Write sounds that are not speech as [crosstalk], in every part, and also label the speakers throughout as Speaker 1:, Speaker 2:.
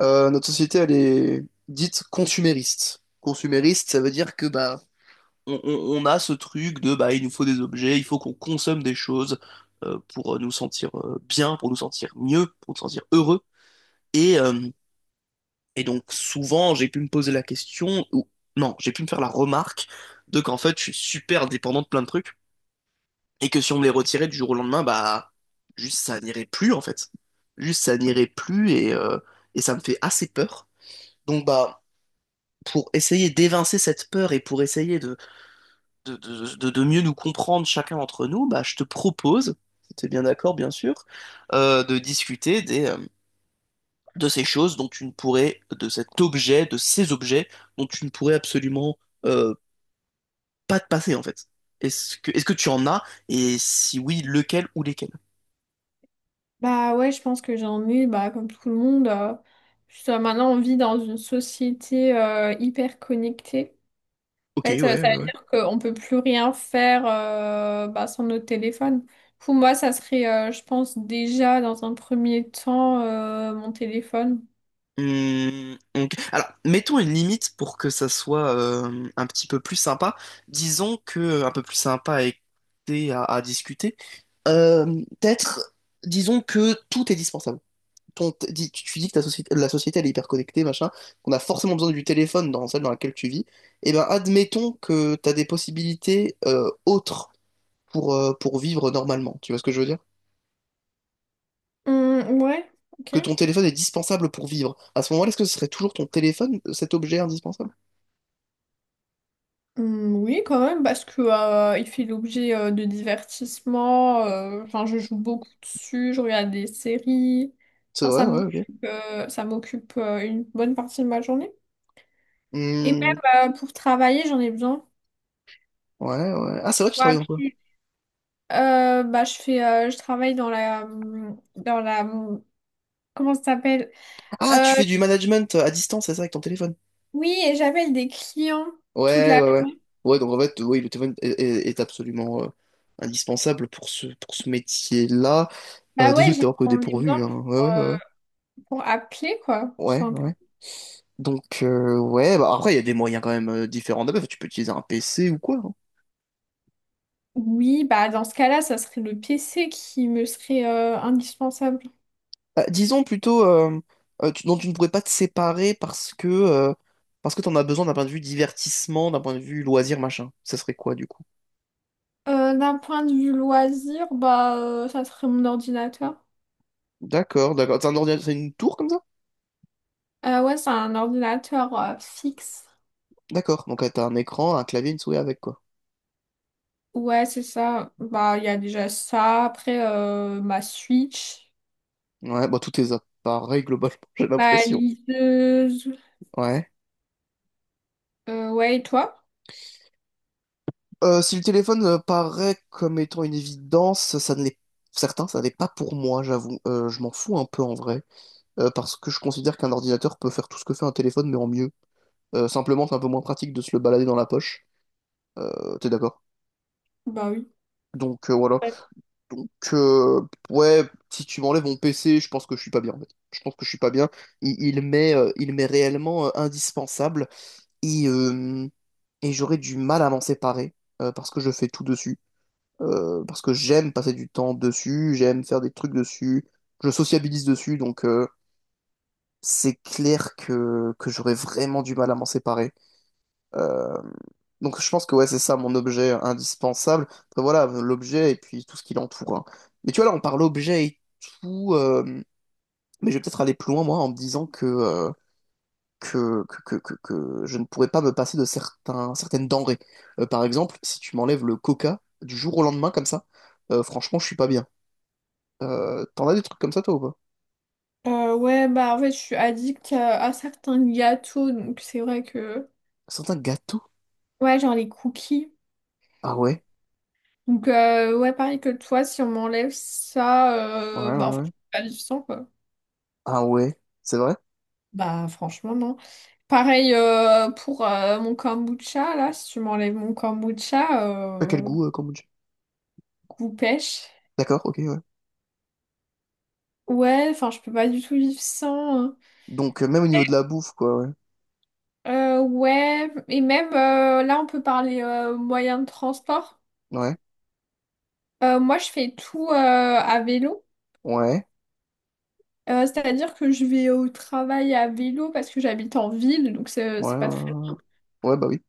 Speaker 1: Notre société, elle est dite consumériste. Consumériste, ça veut dire que bah, on a ce truc de bah, il nous faut des objets, il faut qu'on consomme des choses pour nous sentir bien, pour nous sentir mieux, pour nous sentir heureux. Et, euh, et donc souvent, j'ai pu me poser la question, ou non, j'ai pu me faire la remarque de qu'en fait, je suis super dépendant de plein de trucs et que si on me les retirait du jour au lendemain, bah, juste ça n'irait plus en fait. Juste ça n'irait plus et ça me fait assez peur. Donc bah pour essayer d'évincer cette peur et pour essayer de mieux nous comprendre chacun d'entre nous, bah, je te propose, si tu es bien d'accord, bien sûr, de discuter des, de ces choses dont tu ne pourrais, de cet objet, de ces objets dont tu ne pourrais absolument euh, pas te passer, en fait. Est-ce que tu en as? Et si oui, lequel ou lesquels?
Speaker 2: Bah ouais, je pense que j'en ai, bah, comme tout le monde. Juste, maintenant, on vit dans une société hyper connectée.
Speaker 1: Ok,
Speaker 2: En fait,
Speaker 1: ouais, ouais.
Speaker 2: ça veut
Speaker 1: Ouais.
Speaker 2: dire qu'on peut plus rien faire bah, sans notre téléphone. Pour moi, ça serait, je pense, déjà dans un premier temps, mon téléphone.
Speaker 1: Hmm, ok. Alors, mettons une limite pour que ça soit un petit peu plus sympa. Disons que un peu plus sympa à écouter, à discuter. Euh, Peut-être, disons que tout est dispensable. Tu dis que ta société, la société elle est hyper connectée, machin, qu'on a forcément besoin du téléphone dans celle dans laquelle tu vis. Eh ben, admettons que tu as des possibilités autres pour vivre normalement. Tu vois ce que je veux dire?
Speaker 2: Ouais, ok.
Speaker 1: Que ton téléphone est dispensable pour vivre. À ce moment-là, est-ce que ce serait toujours ton téléphone, cet objet indispensable?
Speaker 2: Oui, quand même, parce que il fait l'objet de divertissements. Enfin, je joue beaucoup dessus, je regarde des séries.
Speaker 1: C'est
Speaker 2: Enfin,
Speaker 1: vrai,
Speaker 2: ça
Speaker 1: ouais, ok.
Speaker 2: m'occupe, une bonne partie de ma journée. Et
Speaker 1: Hmm,
Speaker 2: même pour travailler, j'en ai besoin.
Speaker 1: ouais, ouais. Ah, c'est vrai, tu
Speaker 2: Pour
Speaker 1: travailles dans quoi?
Speaker 2: appuyer. Bah, je travaille dans la, comment ça s'appelle?
Speaker 1: Ah, tu
Speaker 2: Euh,
Speaker 1: fais du management à distance, c'est ça, avec ton téléphone.
Speaker 2: oui, et j'appelle des clients toute
Speaker 1: Ouais,
Speaker 2: la
Speaker 1: ouais, ouais.
Speaker 2: journée.
Speaker 1: Ouais, donc en fait, oui, le téléphone est absolument indispensable pour ce métier-là.
Speaker 2: Bah ouais,
Speaker 1: Désolé de t'avoir pris au
Speaker 2: j'en ai besoin
Speaker 1: dépourvu, hein. Ouais,
Speaker 2: pour,
Speaker 1: ouais,
Speaker 2: euh,
Speaker 1: ouais.
Speaker 2: pour appeler quoi, tout
Speaker 1: Ouais,
Speaker 2: simplement.
Speaker 1: ouais. Donc, ouais, bah après, il y a des moyens quand même différents d'appel. Tu peux utiliser un PC ou quoi, hein.
Speaker 2: Oui, bah dans ce cas-là, ça serait le PC qui me serait indispensable.
Speaker 1: Disons plutôt, dont tu ne pourrais pas te séparer parce que t'en as besoin d'un point de vue divertissement, d'un point de vue loisir, machin. Ça serait quoi, du coup?
Speaker 2: D'un point de vue loisir, ça serait mon ordinateur.
Speaker 1: D'accord, d'accord. C'est un ordinateur, c'est une tour comme ça?
Speaker 2: Ouais, c'est un ordinateur fixe.
Speaker 1: D'accord. Donc t'as un écran, un clavier, une souris avec quoi.
Speaker 2: Ouais, c'est ça. Bah il y a déjà ça. Après ma Switch,
Speaker 1: Ouais, bah tous tes appareils globalement, [laughs] j'ai
Speaker 2: ma
Speaker 1: l'impression.
Speaker 2: liseuse.
Speaker 1: Ouais.
Speaker 2: Ouais, et toi?
Speaker 1: Si le téléphone paraît comme étant une évidence, ça ne l'est certains, ça n'est pas pour moi, j'avoue. Je m'en fous un peu en vrai. Parce que je considère qu'un ordinateur peut faire tout ce que fait un téléphone, mais en mieux. Simplement, c'est un peu moins pratique de se le balader dans la poche. T'es d'accord?
Speaker 2: Bah oui.
Speaker 1: Donc voilà.
Speaker 2: Ouais.
Speaker 1: Donc, ouais, si tu m'enlèves mon PC, je pense que je suis pas bien, en fait. Je pense que je suis pas bien. Il m'est réellement indispensable et, euh, et j'aurais du mal à m'en séparer parce que je fais tout dessus. Parce que j'aime passer du temps dessus, j'aime faire des trucs dessus, je sociabilise dessus, donc c'est clair que j'aurais vraiment du mal à m'en séparer. Euh, donc je pense que ouais, c'est ça mon objet indispensable. Après, voilà, l'objet et puis tout ce qui l'entoure, hein. Mais tu vois, là, on parle objet et tout, mais je vais peut-être aller plus loin, moi, en me disant que je ne pourrais pas me passer de certaines denrées. Par exemple, si tu m'enlèves le coca du jour au lendemain, comme ça, franchement, je suis pas bien. T'en as des trucs comme ça, toi, ou pas?
Speaker 2: Ouais, bah en fait, je suis addict à certains gâteaux, donc c'est vrai que
Speaker 1: Certains gâteaux?
Speaker 2: ouais, genre les cookies.
Speaker 1: Ah ouais?
Speaker 2: Donc, ouais, pareil que toi, si on m'enlève ça,
Speaker 1: Ouais, ouais,
Speaker 2: bah, en fait,
Speaker 1: ouais.
Speaker 2: je peux pas vivre sans, quoi.
Speaker 1: Ah ouais? C'est vrai?
Speaker 2: Bah, franchement, non. Pareil pour mon kombucha, là, si tu m'enlèves mon kombucha,
Speaker 1: À quel goût, kombucha?
Speaker 2: goût pêche.
Speaker 1: D'accord, ok, ouais.
Speaker 2: Ouais, enfin, je peux pas du tout vivre sans, hein.
Speaker 1: Donc, même au niveau de la bouffe, quoi, ouais.
Speaker 2: Ouais, et même là, on peut parler moyens de transport.
Speaker 1: Ouais,
Speaker 2: Moi, je fais tout à vélo.
Speaker 1: ouais,
Speaker 2: C'est-à-dire que je vais au travail à vélo parce que j'habite en ville, donc c'est
Speaker 1: ouais,
Speaker 2: c'est pas très…
Speaker 1: ouais. Ouais, bah oui.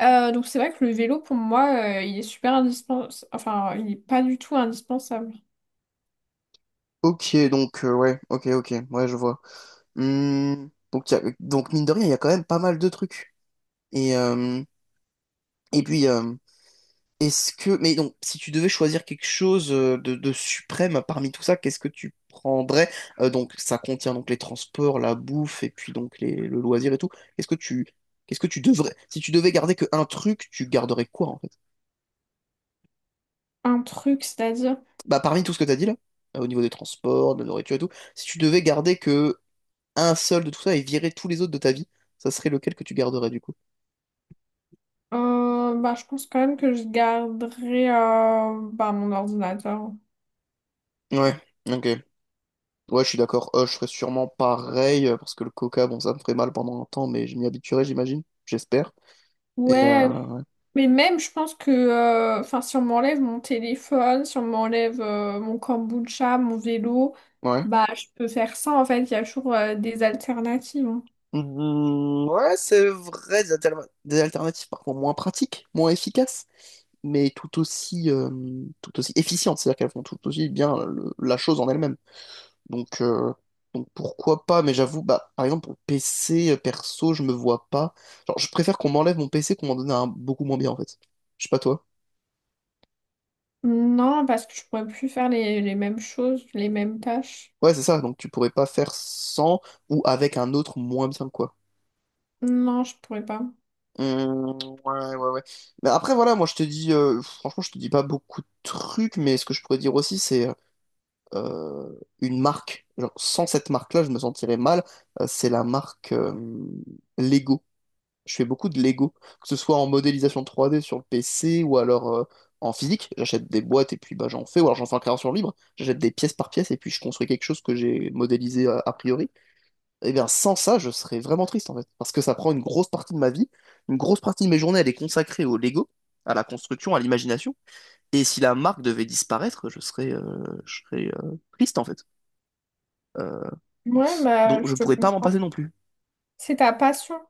Speaker 2: Donc c'est vrai que le vélo pour moi il est super indispensable, enfin il est pas du tout indispensable.
Speaker 1: Ok, donc, ouais, ok, ok, ouais, je vois. Hmm, donc, donc, mine de rien, il y a quand même pas mal de trucs. Et, euh, et puis, est-ce que. Mais donc, si tu devais choisir quelque chose de, suprême parmi tout ça, qu'est-ce que tu prendrais? Donc, ça contient donc les transports, la bouffe, et puis donc le loisir et tout. Qu'est-ce que tu. Qu'est-ce que tu devrais. Si tu devais garder que un truc, tu garderais quoi, en fait.
Speaker 2: Un truc, c'est-à-dire,
Speaker 1: Bah, parmi tout ce que t'as dit là, au niveau des transports, de la nourriture et tout, si tu devais garder que un seul de tout ça et virer tous les autres de ta vie, ça serait lequel que tu garderais du coup?
Speaker 2: bah, je pense quand même que je garderai bah, mon ordinateur.
Speaker 1: Ouais, ok. Ouais, je suis d'accord. Je ferais sûrement pareil, parce que le coca, bon, ça me ferait mal pendant un temps, mais je m'y habituerai, j'imagine. J'espère. Et
Speaker 2: Ouais, mais même je pense que enfin si on m'enlève mon téléphone, si on m'enlève mon kombucha, mon vélo,
Speaker 1: ouais.
Speaker 2: bah je peux faire ça en fait, il y a toujours des alternatives, hein.
Speaker 1: Mhm, ouais, c'est vrai, des alternatives par contre moins pratiques, moins efficaces, mais tout aussi efficientes, c'est-à-dire qu'elles font tout aussi bien la chose en elle-même. Donc, euh, donc pourquoi pas, mais j'avoue, bah, par exemple, pour PC, perso, je me vois pas. Genre, je préfère qu'on m'enlève mon PC qu'on m'en donne un beaucoup moins bien, en fait. Je sais pas toi.
Speaker 2: Non, parce que je pourrais plus faire les mêmes choses, les mêmes tâches.
Speaker 1: Ouais, c'est ça, donc tu pourrais pas faire sans ou avec un autre moins bien, quoi.
Speaker 2: Non, je pourrais pas.
Speaker 1: Hum, ouais, ouais, ouais. Mais après, voilà, moi, je te dis, franchement, je te dis pas beaucoup de trucs, mais ce que je pourrais dire aussi, c'est euh, une marque. Genre, sans cette marque-là, je me sentirais mal. C'est la marque Lego. Je fais beaucoup de Lego, que ce soit en modélisation 3D sur le PC ou alors en physique. J'achète des boîtes et puis bah, j'en fais, ou alors j'en fais en création libre. J'achète des pièces par pièce et puis je construis quelque chose que j'ai modélisé a priori. Et bien, sans ça, je serais vraiment triste en fait, parce que ça prend une grosse partie de ma vie. Une grosse partie de mes journées, elle est consacrée au Lego, à la construction, à l'imagination. Et si la marque devait disparaître, je serais triste en fait. Euh,
Speaker 2: Ouais, bah,
Speaker 1: donc
Speaker 2: je
Speaker 1: je
Speaker 2: te
Speaker 1: pourrais pas m'en
Speaker 2: comprends.
Speaker 1: passer non plus.
Speaker 2: C'est ta passion.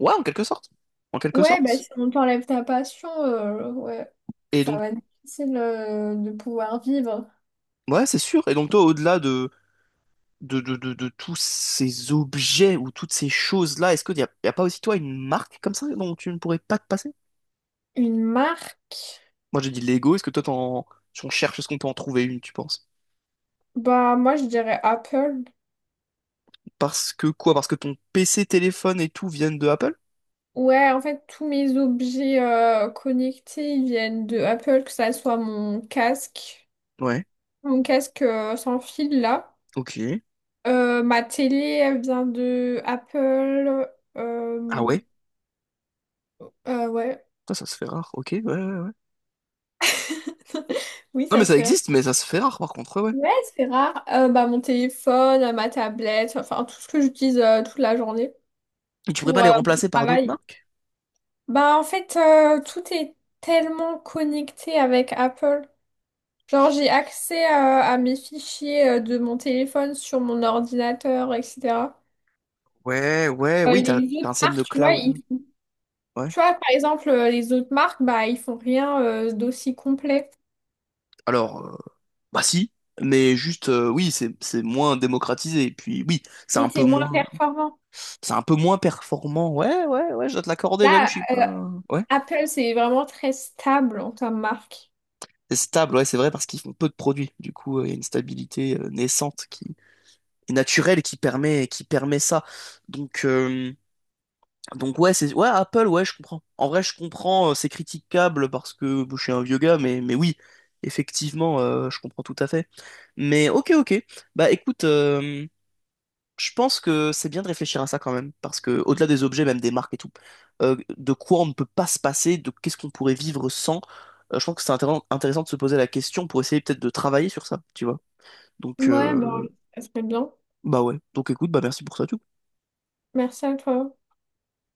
Speaker 1: Ouais, en quelque sorte. En quelque
Speaker 2: Ouais, bah,
Speaker 1: sorte.
Speaker 2: si on t'enlève ta passion, ouais,
Speaker 1: Et
Speaker 2: ça
Speaker 1: donc,
Speaker 2: va être difficile, de pouvoir vivre.
Speaker 1: ouais, c'est sûr. Et donc toi, au-delà de, tous ces objets ou toutes ces choses-là, est-ce qu'y a pas aussi, toi, une marque comme ça dont tu ne pourrais pas te passer?
Speaker 2: Une marque?
Speaker 1: Moi, j'ai dit Lego, est-ce que toi, t'en... si on cherche, est-ce qu'on peut en trouver une, tu penses?
Speaker 2: Bah, moi, je dirais Apple.
Speaker 1: Parce que quoi? Parce que ton PC, téléphone et tout viennent de Apple?
Speaker 2: Ouais, en fait, tous mes objets, connectés, ils viennent de Apple, que ça soit mon casque,
Speaker 1: Ouais,
Speaker 2: sans fil, là.
Speaker 1: ok.
Speaker 2: Ma télé, elle vient de Apple.
Speaker 1: Ah
Speaker 2: Euh,
Speaker 1: ouais?
Speaker 2: ouais.
Speaker 1: Ça se fait rare, ok, ouais, ouais, ouais.
Speaker 2: [laughs] Oui,
Speaker 1: Non, mais
Speaker 2: ça se
Speaker 1: ça
Speaker 2: fait.
Speaker 1: existe, mais ça se fait rare, par contre, ouais, ouais.
Speaker 2: Ouais, c'est rare. Bah, mon téléphone, ma tablette, enfin tout ce que j'utilise toute la journée
Speaker 1: Et tu pourrais pas
Speaker 2: pour
Speaker 1: les
Speaker 2: mon
Speaker 1: remplacer par d'autres
Speaker 2: travail.
Speaker 1: marques?
Speaker 2: Bah, en fait, tout est tellement connecté avec Apple. Genre, j'ai accès à mes fichiers de mon téléphone sur mon ordinateur, etc.
Speaker 1: Ouais, ouais, oui, t'as
Speaker 2: Les
Speaker 1: t'as un
Speaker 2: autres
Speaker 1: système de
Speaker 2: marques, tu vois, ils…
Speaker 1: cloud. Ouais.
Speaker 2: tu vois, par exemple, les autres marques, bah, ils font rien d'aussi complet
Speaker 1: Alors, bah si, mais juste oui, c'est moins démocratisé. Et puis oui, c'est
Speaker 2: et
Speaker 1: un peu
Speaker 2: c'est moins
Speaker 1: moins
Speaker 2: performant.
Speaker 1: c'est un peu moins performant. Ouais, ouais, ouais, je dois te l'accorder, j'avoue, je
Speaker 2: Là,
Speaker 1: suis pas. Ouais.
Speaker 2: Apple, c'est vraiment très stable en tant que marque.
Speaker 1: C'est stable, ouais, c'est vrai, parce qu'ils font peu de produits. Du coup, il y a une stabilité naissante qui est naturelle qui permet ça. Donc euh, donc ouais, c'est ouais, Apple, ouais, je comprends. En vrai, je comprends, c'est critiquable parce que bon, je suis un vieux gars, mais oui, effectivement, je comprends tout à fait. Mais ok, ok. Bah écoute, je pense que c'est bien de réfléchir à ça quand même, parce que au-delà des objets, même des marques et tout, de quoi on ne peut pas se passer, de qu'est-ce qu'on pourrait vivre sans, je pense que c'est intéressant de se poser la question pour essayer peut-être de travailler sur ça, tu vois. Donc,
Speaker 2: Ouais, bon, ça serait bien.
Speaker 1: bah ouais. Donc écoute, bah merci pour ça, du coup.
Speaker 2: Merci à toi.